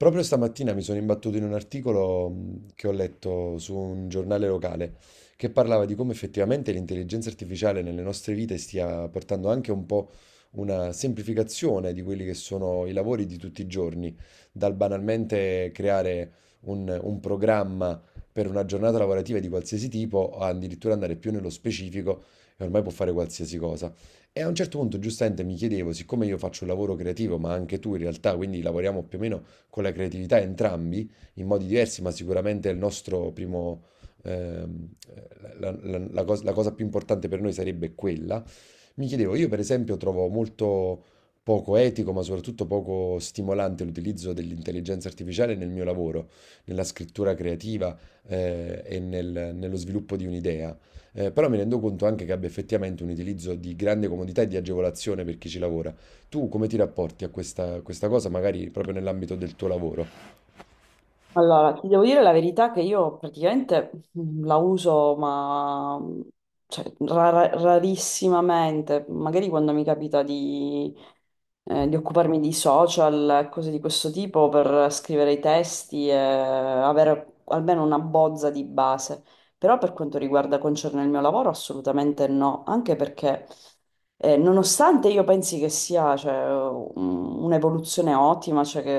Proprio stamattina mi sono imbattuto in un articolo che ho letto su un giornale locale che parlava di come effettivamente l'intelligenza artificiale nelle nostre vite stia portando anche un po' una semplificazione di quelli che sono i lavori di tutti i giorni, dal banalmente creare un programma per una giornata lavorativa di qualsiasi tipo, a addirittura andare più nello specifico e ormai può fare qualsiasi cosa. E a un certo punto, giustamente, mi chiedevo, siccome io faccio un lavoro creativo, ma anche tu in realtà, quindi lavoriamo più o meno con la creatività entrambi in modi diversi, ma sicuramente il nostro primo, ehm, la cosa più importante per noi sarebbe quella. Mi chiedevo, io per esempio trovo molto poco etico, ma soprattutto poco stimolante l'utilizzo dell'intelligenza artificiale nel mio lavoro, nella scrittura creativa, e nello sviluppo di un'idea. Però mi rendo conto anche che abbia effettivamente un utilizzo di grande comodità e di agevolazione per chi ci lavora. Tu come ti rapporti a questa cosa, magari proprio nell'ambito del tuo lavoro? Allora, ti devo dire la verità che io praticamente la uso, ma rarissimamente, magari quando mi capita di occuparmi di social, cose di questo tipo, per scrivere i testi e avere almeno una bozza di base. Però per quanto riguarda concerne il mio lavoro, assolutamente no, anche perché nonostante io pensi che sia cioè, un'evoluzione ottima, cioè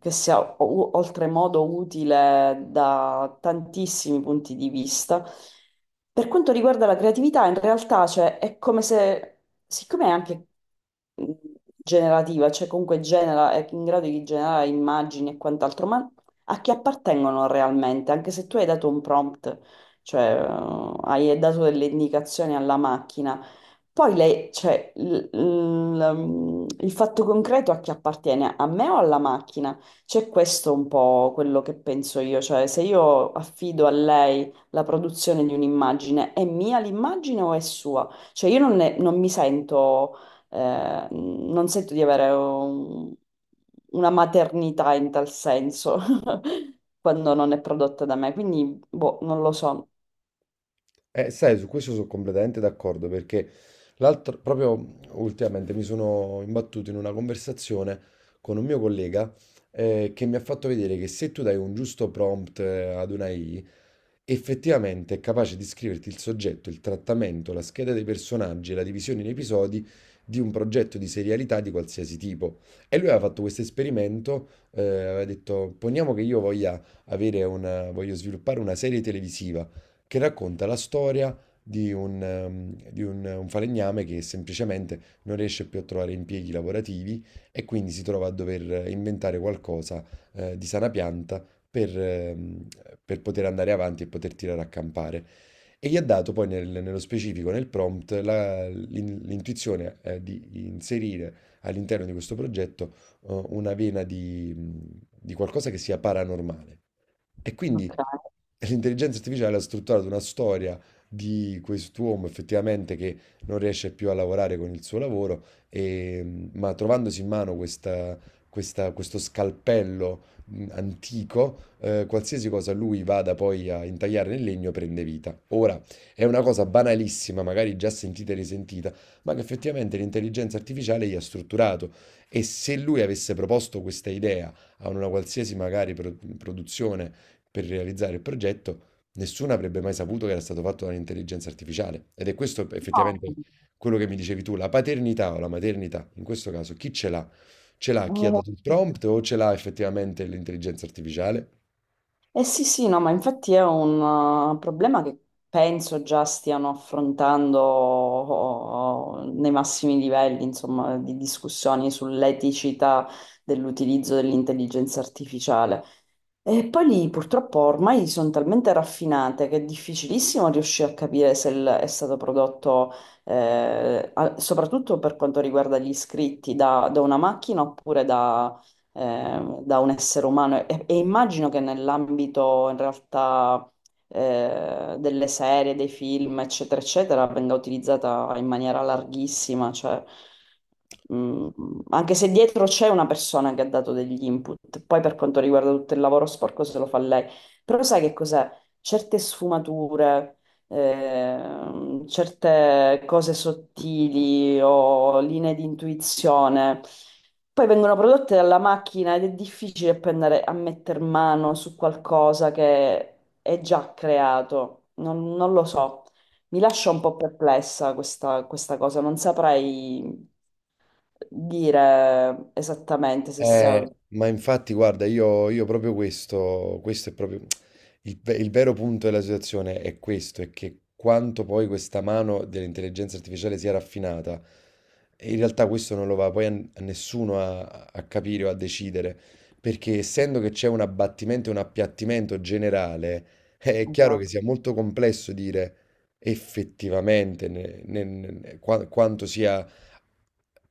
che sia oltremodo utile da tantissimi punti di vista, per quanto riguarda la creatività, in realtà cioè, è come se, siccome è anche mh, generativa, cioè comunque genera, è in grado di generare immagini e quant'altro, ma a chi appartengono realmente, anche se tu hai dato un prompt, cioè hai dato delle indicazioni alla macchina, poi lei, cioè, il fatto concreto a chi appartiene, a me o alla macchina? C'è questo un po' quello che penso io, cioè se io affido a lei la produzione di un'immagine, è mia l'immagine o è sua? Cioè io non, ne- non mi sento non sento di avere una maternità in tal senso quando non è prodotta da me, quindi boh, non lo so. Sai, su questo sono completamente d'accordo perché l'altro, proprio ultimamente mi sono imbattuto in una conversazione con un mio collega che mi ha fatto vedere che se tu dai un giusto prompt ad una AI, effettivamente è capace di scriverti il soggetto, il trattamento, la scheda dei personaggi e la divisione in episodi di un progetto di serialità di qualsiasi tipo. E lui aveva fatto questo esperimento, aveva detto, poniamo che io voglia avere una, voglio sviluppare una serie televisiva che racconta la storia di un, di un falegname che semplicemente non riesce più a trovare impieghi lavorativi e quindi si trova a dover inventare qualcosa, di sana pianta per, ehm, per poter andare avanti e poter tirare a campare. E gli ha dato poi nello specifico, nel prompt, l'intuizione, di inserire all'interno di questo progetto, una vena di qualcosa che sia paranormale. E quindi Ok. l'intelligenza artificiale ha strutturato una storia di quest'uomo effettivamente che non riesce più a lavorare con il suo lavoro, ma trovandosi in mano questo scalpello antico, qualsiasi cosa lui vada poi a intagliare nel legno prende vita. Ora, è una cosa banalissima, magari già sentita e risentita, ma che effettivamente l'intelligenza artificiale gli ha strutturato. E se lui avesse proposto questa idea a una qualsiasi magari produzione, per realizzare il progetto, nessuno avrebbe mai saputo che era stato fatto dall'intelligenza artificiale. Ed è questo effettivamente quello che mi dicevi tu, la paternità o la maternità, in questo caso, chi ce l'ha? Ce l'ha chi ha No, dato il prompt o ce l'ha effettivamente l'intelligenza artificiale? eh sì, sì, no, ma infatti è un problema che penso già stiano affrontando oh, oh, nei massimi livelli, insomma, di discussioni sull'eticità dell'utilizzo dell'intelligenza artificiale. E poi lì purtroppo ormai sono talmente raffinate che è difficilissimo riuscire a capire se è stato prodotto, soprattutto per quanto riguarda gli iscritti, da una macchina oppure da, da un essere umano. E immagino che nell'ambito in realtà delle serie, dei film, eccetera, eccetera, venga utilizzata in maniera larghissima, cioè, mh, anche se dietro c'è una persona che ha dato degli input, poi per quanto riguarda tutto il lavoro sporco se lo fa lei, però sai che cos'è? Certe sfumature, certe cose sottili o linee di intuizione. Poi vengono prodotte dalla macchina ed è difficile prendere a metter mano su qualcosa che è già creato, non lo so. Mi lascia un po' perplessa questa cosa, non saprei dire esattamente se sia... Ma infatti, guarda, io proprio questo, questo è proprio il vero punto della situazione è questo, è che quanto poi questa mano dell'intelligenza artificiale sia raffinata, in realtà questo non lo va poi a nessuno a, a capire o a decidere, perché essendo che c'è un abbattimento e un appiattimento generale, è chiaro che sia molto complesso dire effettivamente quanto sia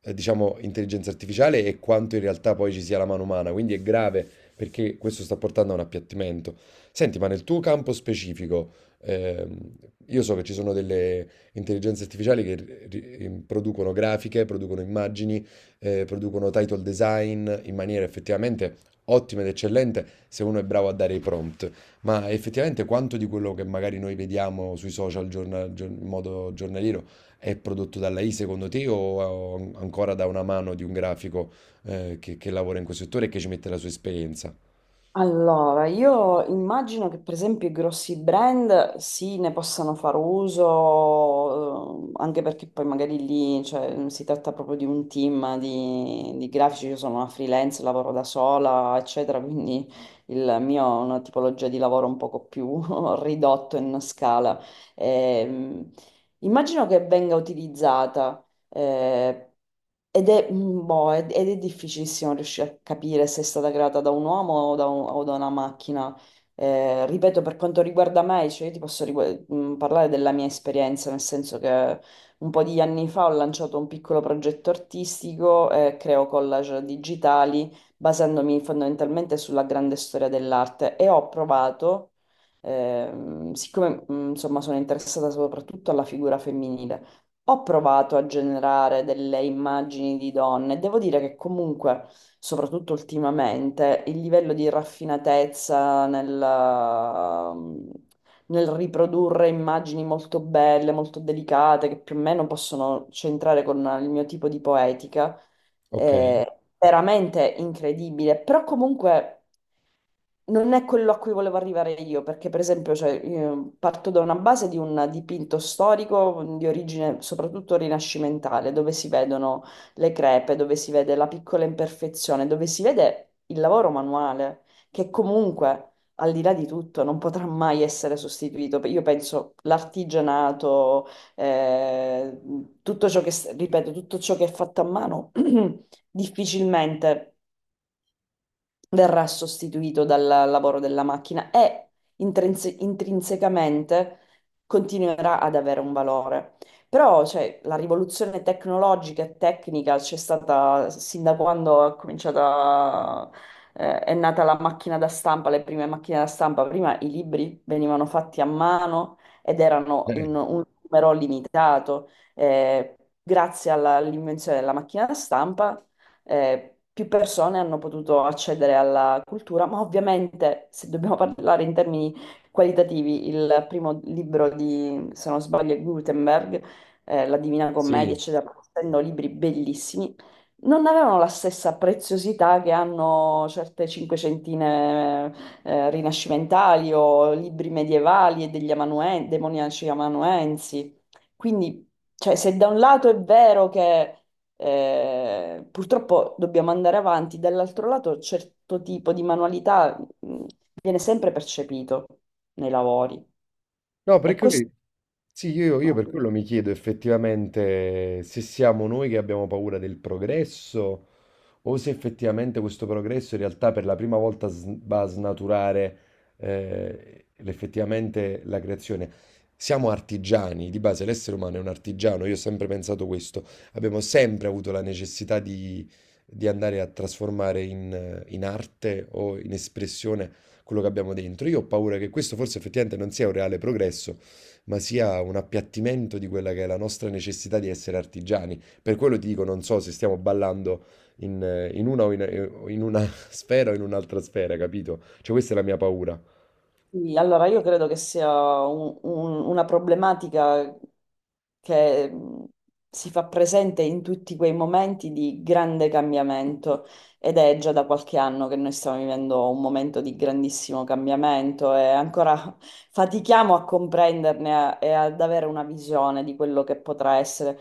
diciamo, intelligenza artificiale e quanto in realtà poi ci sia la mano umana. Quindi è grave perché questo sta portando a un appiattimento. Senti, ma nel tuo campo specifico, ehm, io so che ci sono delle intelligenze artificiali che producono grafiche, producono immagini, producono title design in maniera effettivamente ottima ed eccellente se uno è bravo a dare i prompt. Ma effettivamente quanto di quello che magari noi vediamo sui social in modo giornaliero è prodotto dalla I secondo te o ancora da una mano di un grafico che lavora in quel settore e che ci mette la sua esperienza? Allora, io immagino che per esempio i grossi brand sì, ne possano far uso, anche perché poi magari lì, cioè, si tratta proprio di un team di grafici, io sono una freelance, lavoro da sola, eccetera, quindi il mio è una tipologia di lavoro un poco più ridotto in scala. Ehm, immagino che venga utilizzata. eh, Ed è, boh, ed è difficilissimo riuscire a capire se è stata creata da un uomo o da, o da una macchina. Ripeto, per quanto riguarda me, cioè io ti posso parlare della mia esperienza, nel senso che un po' di anni fa ho lanciato un piccolo progetto artistico, creo collage digitali, basandomi fondamentalmente sulla grande storia dell'arte e ho provato, siccome insomma sono interessata soprattutto alla figura femminile. Ho provato a generare delle immagini di donne. Devo dire che comunque, soprattutto ultimamente, il livello di raffinatezza nel, nel riprodurre immagini molto belle, molto delicate, che più o meno possono centrare con il mio tipo di poetica, Okay, veramente incredibile, però comunque non è quello a cui volevo arrivare io, perché per esempio cioè, io parto da una base di un dipinto storico di origine soprattutto rinascimentale, dove si vedono le crepe, dove si vede la piccola imperfezione, dove si vede il lavoro manuale, che comunque, al di là di tutto, non potrà mai essere sostituito. Io penso l'artigianato eh, tutto ciò che, ripeto, tutto ciò che è fatto a mano difficilmente verrà sostituito dal lavoro della macchina e intrinsecamente continuerà ad avere un valore. Però, cioè, la rivoluzione tecnologica e tecnica c'è stata sin da quando è cominciata, è nata la macchina da stampa, le prime macchine da stampa. Prima i libri venivano fatti a mano ed erano eh, in un numero limitato. Eh, Grazie all'invenzione della macchina da stampa più persone hanno potuto accedere alla cultura, ma ovviamente se dobbiamo parlare in termini qualitativi, il primo libro di, se non sbaglio, è Gutenberg, La Divina Commedia, sì. eccetera, essendo libri bellissimi, non avevano la stessa preziosità che hanno certe cinquecentine rinascimentali o libri medievali e degli demoniaci amanuensi. Quindi, cioè, se da un lato è vero che purtroppo dobbiamo andare avanti, dall'altro lato certo tipo di manualità viene sempre percepito nei lavori. No, E perché questo, lui sì, io no. per quello mi chiedo effettivamente se siamo noi che abbiamo paura del progresso o se effettivamente questo progresso in realtà per la prima volta va a snaturare effettivamente la creazione. Siamo artigiani, di base l'essere umano è un artigiano, io ho sempre pensato questo, abbiamo sempre avuto la necessità di andare a trasformare in, in arte o in espressione quello che abbiamo dentro. Io ho paura che questo forse effettivamente non sia un reale progresso ma sia un appiattimento di quella che è la nostra necessità di essere artigiani. Per quello ti dico, non so se stiamo ballando in, in una o in una sfera o in un'altra sfera, capito? Cioè, questa è la mia paura. Sì, allora io credo che sia una problematica che si fa presente in tutti quei momenti di grande cambiamento ed è già da qualche anno che noi stiamo vivendo un momento di grandissimo cambiamento e ancora fatichiamo a comprenderne e ad avere una visione di quello che potrà essere,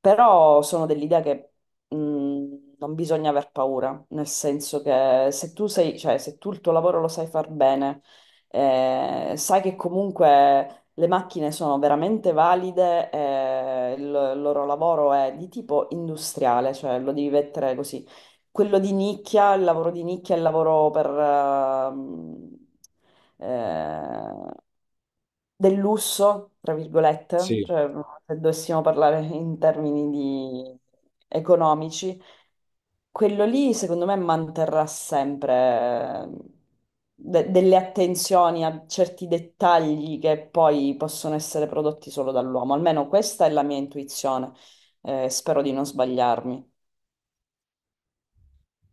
però sono dell'idea che mh, non bisogna aver paura, nel senso che se tu sei, cioè, se tu il tuo lavoro lo sai far bene, sai che comunque le macchine sono veramente valide, il loro lavoro è di tipo industriale, cioè lo devi mettere così. Quello di nicchia, il lavoro di nicchia è il lavoro per, eh, del lusso, tra virgolette, Sì. cioè se dovessimo parlare in termini economici, quello lì, secondo me, manterrà sempre delle attenzioni a certi dettagli che poi possono essere prodotti solo dall'uomo. Almeno questa è la mia intuizione. Spero di non sbagliarmi.